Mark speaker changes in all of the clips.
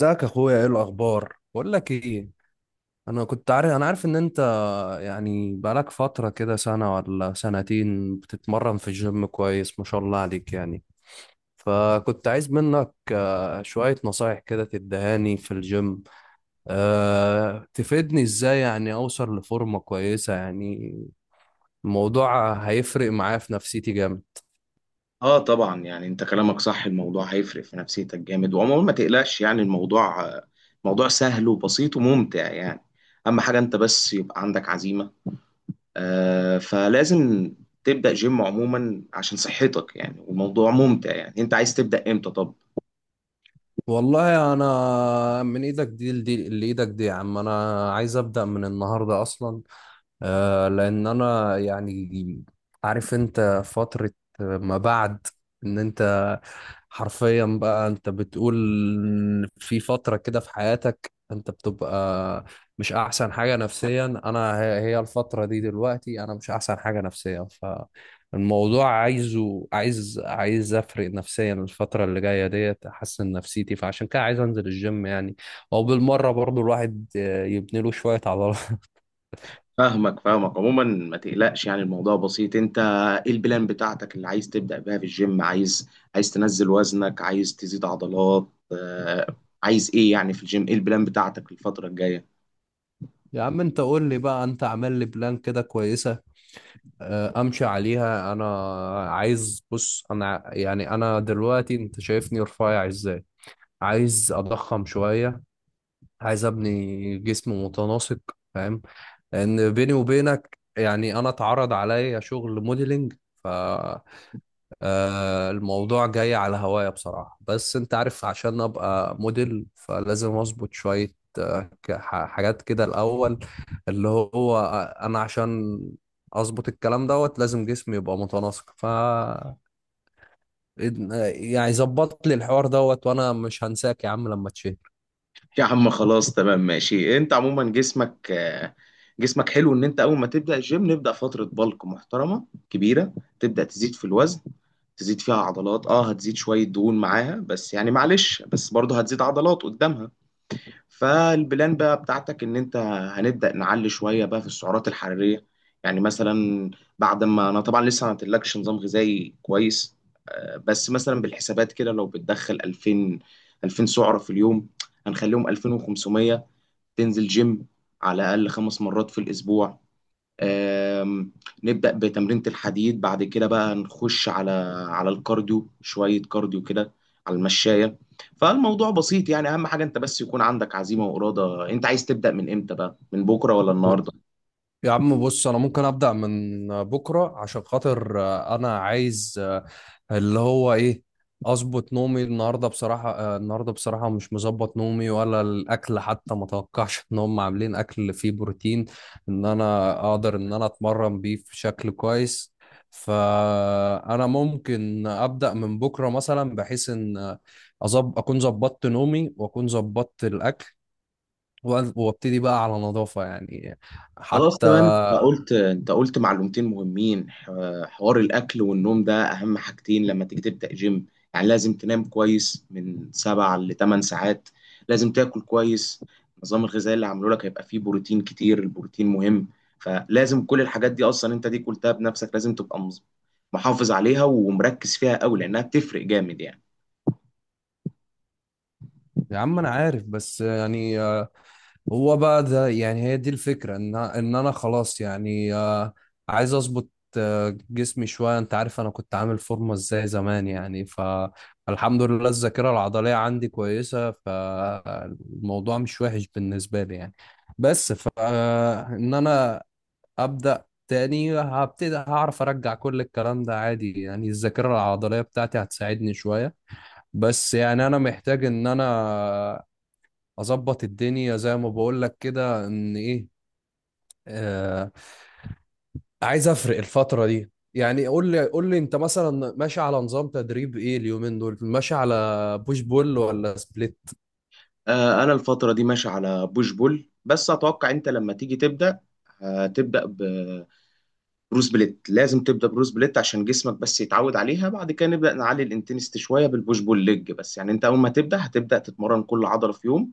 Speaker 1: ازيك يا اخويا؟ ايه الاخبار؟ بقول لك ايه. انا عارف ان انت، يعني بقالك فتره كده سنه ولا سنتين بتتمرن في الجيم كويس، ما شاء الله عليك يعني. فكنت عايز منك شويه نصايح كده تدهاني في الجيم، تفيدني ازاي يعني اوصل لفورمه كويسه يعني. الموضوع هيفرق معايا في نفسيتي جامد.
Speaker 2: اه طبعا، يعني انت كلامك صح. الموضوع هيفرق في نفسيتك جامد. وعموما ما تقلقش، يعني الموضوع موضوع سهل وبسيط وممتع، يعني اهم حاجة انت بس يبقى عندك عزيمة. فلازم تبدأ جيم عموما عشان صحتك، يعني والموضوع ممتع. يعني انت عايز تبدأ امتى؟ طب
Speaker 1: والله انا من ايدك دي لايدك دي يا عم، انا عايز ابدا من النهارده اصلا. لان انا يعني عارف، انت فترة ما بعد ان انت حرفيا بقى انت بتقول في فترة كده في حياتك انت بتبقى مش احسن حاجة نفسيا. انا هي الفترة دي دلوقتي، انا مش احسن حاجة نفسيا. فالموضوع عايز افرق نفسيا الفترة اللي جاية ديت، احسن نفسيتي، فعشان كده عايز انزل الجيم يعني، او بالمرة برضو الواحد يبني له شوية عضلات.
Speaker 2: فاهمك فاهمك. عموما ما تقلقش، يعني الموضوع بسيط. انت ايه البلان بتاعتك اللي عايز تبدأ بيها في الجيم؟ عايز تنزل وزنك، عايز تزيد عضلات عايز ايه يعني في الجيم؟ ايه البلان بتاعتك الفترة الجاية؟
Speaker 1: يا عم انت قول لي بقى، انت عامل لي بلان كده كويسة امشي عليها انا. عايز، بص، انا يعني انا دلوقتي انت شايفني رفيع ازاي، عايز اضخم شوية، عايز ابني جسم متناسق، فاهم؟ لان بيني وبينك يعني انا اتعرض عليا شغل موديلنج، ف الموضوع جاي على هوايا بصراحة، بس انت عارف عشان ابقى موديل فلازم اظبط شوية حاجات كده الأول، اللي هو أنا عشان أظبط الكلام دوت لازم جسمي يبقى متناسق، ف يعني ظبط لي الحوار دوت، وأنا مش هنساك يا عم لما تشهر.
Speaker 2: يا عم خلاص تمام ماشي. انت عموما جسمك جسمك حلو. ان انت اول ما تبدا الجيم نبدا فتره بلك محترمه كبيره، تبدا تزيد في الوزن، تزيد فيها عضلات، هتزيد شويه دهون معاها، بس يعني معلش بس برضه هتزيد عضلات قدامها. فالبلان بقى بتاعتك ان انت هنبدأ نعلي شوية بقى في السعرات الحرارية. يعني مثلا بعد ما انا طبعا لسه ما عملتلكش نظام غذائي كويس، بس مثلا بالحسابات كده لو بتدخل 2000 سعرة في اليوم هنخليهم 2500. تنزل جيم على الأقل 5 مرات في الأسبوع، آم، نبدأ بتمرينة الحديد. بعد كده بقى نخش على الكارديو، شوية كارديو كده على المشاية. فالموضوع بسيط. يعني أهم حاجة أنت بس يكون عندك عزيمة وإرادة. أنت عايز تبدأ من إمتى بقى، من بكرة ولا النهاردة؟
Speaker 1: يا عم بص، انا ممكن ابدا من بكره عشان خاطر انا عايز اللي هو ايه، اظبط نومي. النهارده بصراحه النهارده بصراحه مش مظبط نومي ولا الاكل، حتى ما توقعش ان هم عاملين اكل فيه بروتين ان انا اقدر ان انا اتمرن بيه في شكل كويس. فانا ممكن ابدا من بكره مثلا، بحيث ان اكون ظبطت نومي واكون ظبطت الاكل، وابتدي بقى على نظافه يعني،
Speaker 2: خلاص
Speaker 1: حتى.
Speaker 2: تمام. انت قلت، انت قلت معلومتين مهمين. حوار الاكل والنوم ده اهم حاجتين لما تيجي تبدا جيم. يعني لازم تنام كويس من 7 ل 8 ساعات، لازم تاكل كويس. النظام الغذائي اللي عامله لك هيبقى فيه بروتين كتير. البروتين مهم. فلازم كل الحاجات دي اصلا انت دي قلتها بنفسك، لازم تبقى محافظ عليها ومركز فيها قوي، لانها بتفرق جامد يعني.
Speaker 1: يا عم انا عارف بس يعني هو بقى ده يعني، هي دي الفكرة ان انا خلاص يعني عايز اظبط جسمي شوية. انت عارف انا كنت عامل فورمة ازاي زمان يعني، فالحمد لله الذاكرة العضلية عندي كويسة، فالموضوع مش وحش بالنسبة لي يعني. بس ف ان انا ابدأ تاني هبتدي هعرف ارجع كل الكلام ده عادي يعني، الذاكرة العضلية بتاعتي هتساعدني شوية. بس يعني انا محتاج ان انا اظبط الدنيا زي ما بقول لك كده، ان ايه آه عايز افرق الفتره دي يعني. قول لي انت مثلا ماشي على نظام تدريب ايه؟ اليومين دول ماشي على بوش بول ولا سبليت؟
Speaker 2: انا الفتره دي ماشي على بوش بول. بس اتوقع انت لما تيجي تبدا، هتبدا بروس بليت. لازم تبدا بروس بليت عشان جسمك بس يتعود عليها، بعد كده نبدا نعلي الانتنستي شويه بالبوش بول ليج. بس يعني انت اول ما تبدا هتبدا تتمرن كل عضله في يوم.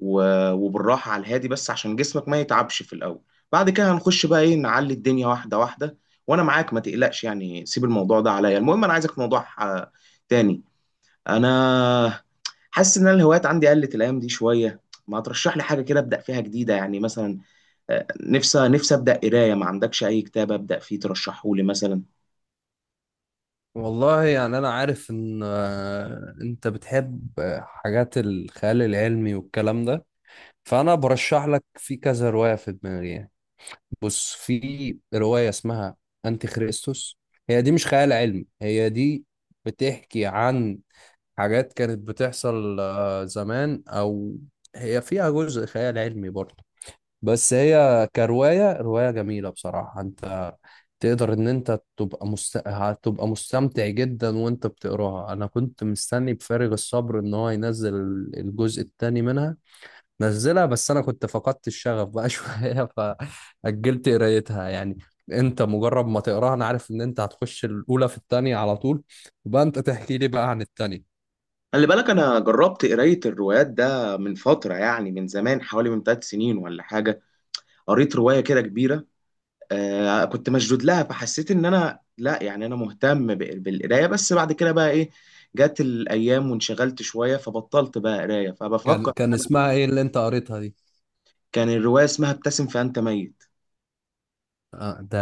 Speaker 2: وبالراحه على الهادي بس عشان جسمك ما يتعبش في الاول. بعد كده هنخش بقى ايه، نعلي الدنيا واحده واحده. وانا معاك ما تقلقش، يعني سيب الموضوع ده عليا. المهم انا عايزك في موضوع تاني. انا حاسس ان أنا الهوايات عندي قلت الايام دي شويه. ما ترشح لي حاجه كده ابدا فيها جديده يعني. مثلا نفسي نفسي ابدا قرايه. ما عندكش اي كتاب ابدا فيه ترشحه لي مثلا؟
Speaker 1: والله يعني انا عارف ان انت بتحب حاجات الخيال العلمي والكلام ده، فانا برشح لك في كذا روايه في دماغي يعني. بص، في روايه اسمها انتي خريستوس. هي دي مش خيال علمي، هي دي بتحكي عن حاجات كانت بتحصل زمان، او هي فيها جزء خيال علمي برضه. بس هي رواية جميلة بصراحة، انت تقدر ان انت تبقى هتبقى مستمتع جدا وانت بتقراها. انا كنت مستني بفارغ الصبر ان هو ينزل الجزء الثاني منها، نزلها بس انا كنت فقدت الشغف بقى شوية، فأجلت قرايتها يعني. انت مجرد ما تقراها انا عارف ان انت هتخش الاولى في الثانيه على طول، يبقى انت تحكي لي بقى عن الثانيه.
Speaker 2: خلي بالك انا جربت قرايه الروايات ده من فتره، يعني من زمان حوالي من 3 سنين ولا حاجه. قريت روايه كده كبيره، كنت مشدود لها فحسيت ان انا، لا يعني انا مهتم بالقرايه، بس بعد كده بقى ايه جت الايام وانشغلت شويه فبطلت بقى قرايه،
Speaker 1: كان
Speaker 2: فبفكر
Speaker 1: كان
Speaker 2: انا.
Speaker 1: اسمها ايه اللي انت قريتها دي؟
Speaker 2: كان الروايه اسمها ابتسم فانت ميت.
Speaker 1: ده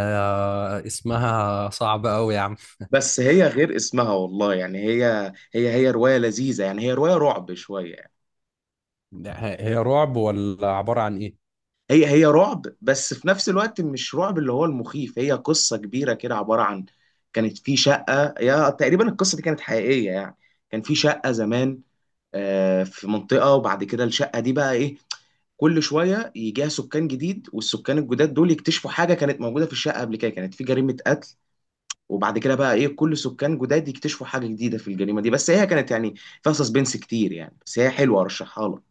Speaker 1: اسمها صعب قوي يا عم.
Speaker 2: بس هي غير اسمها، والله يعني هي، هي هي روايه لذيذه يعني، هي روايه رعب شويه يعني.
Speaker 1: هي رعب ولا عبارة عن ايه؟
Speaker 2: هي هي رعب بس في نفس الوقت مش رعب اللي هو المخيف. هي قصة كبيرة كده عبارة عن، كانت في شقة، يا تقريبا القصة دي كانت حقيقية يعني. كان في شقة زمان في منطقة. وبعد كده الشقة دي بقى ايه، كل شوية يجيها سكان جديد والسكان الجداد دول يكتشفوا حاجة كانت موجودة في الشقة قبل كده كانت في جريمة قتل. وبعد كده بقى ايه كل سكان جداد يكتشفوا حاجة جديدة في الجريمة دي، بس هي كانت يعني فيها سسبنس كتير يعني، بس هي حلوة ارشحها لك.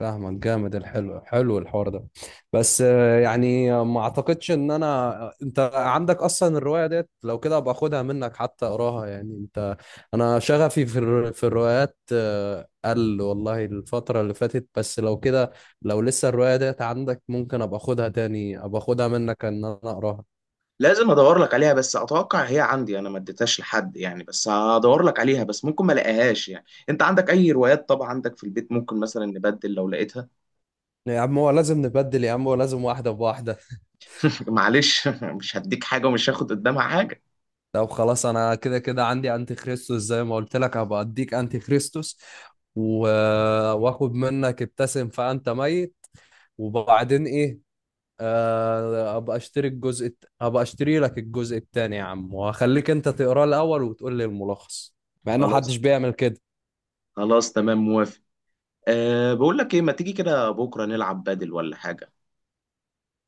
Speaker 1: فاهمك جامد، الحلو حلو الحوار ده، بس يعني ما اعتقدش ان انا، انت عندك اصلا الرواية ديت؟ لو كده ابقى اخدها منك حتى اقراها يعني. انت، انا شغفي في الروايات قل والله الفترة اللي فاتت، بس لو كده، لو لسه الرواية ديت عندك ممكن ابقى اخدها تاني، ابقى اخدها منك ان انا اقراها.
Speaker 2: لازم ادور لك عليها. بس اتوقع هي عندي انا ما اديتهاش لحد يعني، بس هدور لك عليها بس ممكن ما الاقيهاش يعني. انت عندك اي روايات طبعا عندك في البيت، ممكن مثلا نبدل لو لقيتها.
Speaker 1: يا عم هو لازم نبدل، يا عم هو لازم واحدة بواحدة.
Speaker 2: معلش مش هديك حاجه ومش هاخد قدامها حاجه.
Speaker 1: طب خلاص، أنا كده كده عندي أنتي خريستوس زي ما قلت لك، هبقى أديك أنتي خريستوس و... وآخد منك ابتسم فأنت ميت، وبعدين إيه أبقى أشتري لك الجزء التاني يا عم، وهخليك أنت تقراه الأول وتقول لي الملخص، مع إنه
Speaker 2: خلاص
Speaker 1: محدش بيعمل كده.
Speaker 2: خلاص تمام، موافق. بقول لك ايه، ما تيجي كده بكره نلعب بدل ولا حاجه؟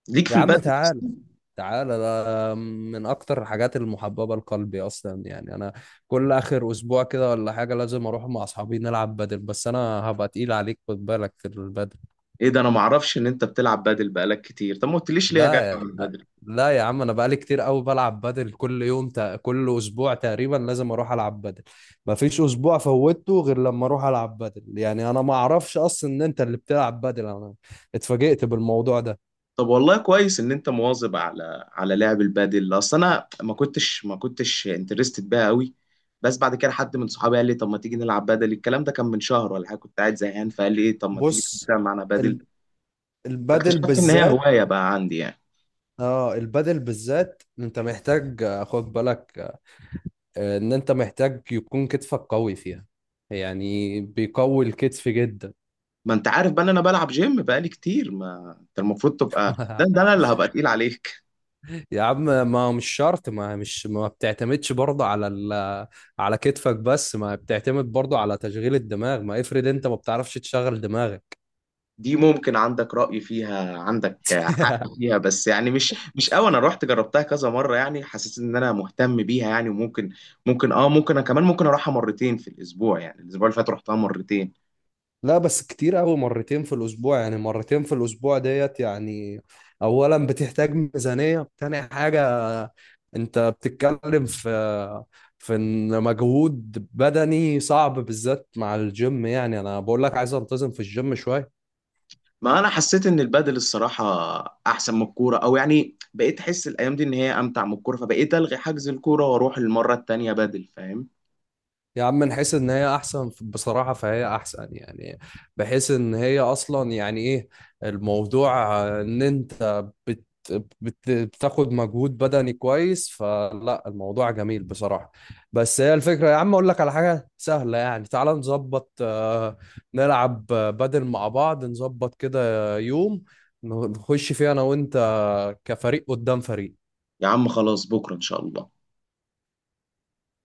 Speaker 2: ليك في
Speaker 1: يا عم
Speaker 2: البدل
Speaker 1: تعال،
Speaker 2: أصلاً؟
Speaker 1: تعالى ده من اكتر الحاجات المحببه لقلبي اصلا يعني، انا كل اخر اسبوع كده ولا حاجه لازم اروح مع اصحابي نلعب بدل، بس انا هبقى تقيل عليك، خد بالك في البدل.
Speaker 2: ايه ده، انا ما اعرفش ان انت بتلعب بدل بقالك كتير. طب ما قلتليش ليه يا
Speaker 1: لا
Speaker 2: جدع
Speaker 1: يا
Speaker 2: من
Speaker 1: لا،
Speaker 2: بدل.
Speaker 1: لا يا عم انا بقالي كتير قوي بلعب بدل، كل اسبوع تقريبا لازم اروح العب بدل. مفيش اسبوع فوتته غير لما اروح العب بدل يعني، انا ما اعرفش اصلا ان انت اللي بتلعب بدل، انا اتفاجئت بالموضوع ده.
Speaker 2: طب والله كويس ان انت مواظب على لعب البادل. اصل انا ما كنتش انترستد بيها قوي. بس بعد كده حد من صحابي قال لي، طب ما تيجي نلعب بادل. الكلام ده كان من شهر ولا حاجه، كنت قاعد زهقان فقال لي ايه، طب ما تيجي
Speaker 1: بص،
Speaker 2: تلعب معانا بادل.
Speaker 1: ال- البدل
Speaker 2: اكتشفت ان هي
Speaker 1: بالذات،
Speaker 2: هوايه بقى عندي يعني.
Speaker 1: اه البادل بالذات انت محتاج خد بالك ان انت محتاج يكون كتفك قوي فيها، يعني بيقوي الكتف جدا.
Speaker 2: ما انت عارف بقى ان انا بلعب جيم بقالي كتير، ما انت المفروض تبقى ده، انا اللي هبقى تقيل عليك.
Speaker 1: يا عم، ما هو مش شرط، ما مش ما بتعتمدش برضه على ال على كتفك بس، ما بتعتمد برضه على تشغيل الدماغ، ما افرض انت ما بتعرفش تشغل دماغك.
Speaker 2: دي ممكن عندك رأي فيها، عندك حق فيها، بس يعني مش قوي. انا رحت جربتها كذا مرة يعني، حسيت ان انا مهتم بيها يعني. وممكن ممكن انا كمان ممكن اروحها مرتين في الاسبوع. يعني الاسبوع اللي فات رحتها مرتين.
Speaker 1: لا بس كتير قوي مرتين في الأسبوع، يعني مرتين في الأسبوع ديت يعني، أولا بتحتاج ميزانية، تاني حاجة أنت بتتكلم في إن مجهود بدني صعب بالذات مع الجيم، يعني أنا بقول لك عايز أنتظم في الجيم شوية.
Speaker 2: ما انا حسيت ان البادل الصراحة احسن من الكورة، او يعني بقيت احس الايام دي ان هي امتع من الكورة، فبقيت الغي حجز الكورة واروح المرة التانية بادل، فاهم؟
Speaker 1: يا عم نحس ان هي احسن بصراحة فهي احسن يعني، بحيث ان هي اصلا يعني ايه، الموضوع ان انت بتاخد مجهود بدني كويس، فلا الموضوع جميل بصراحة. بس هي الفكرة يا عم، اقول لك على حاجة سهلة يعني، تعال نظبط نلعب بدل مع بعض، نظبط كده يوم نخش فيه انا وانت كفريق قدام فريق.
Speaker 2: يا عم خلاص، بكرة ان شاء الله.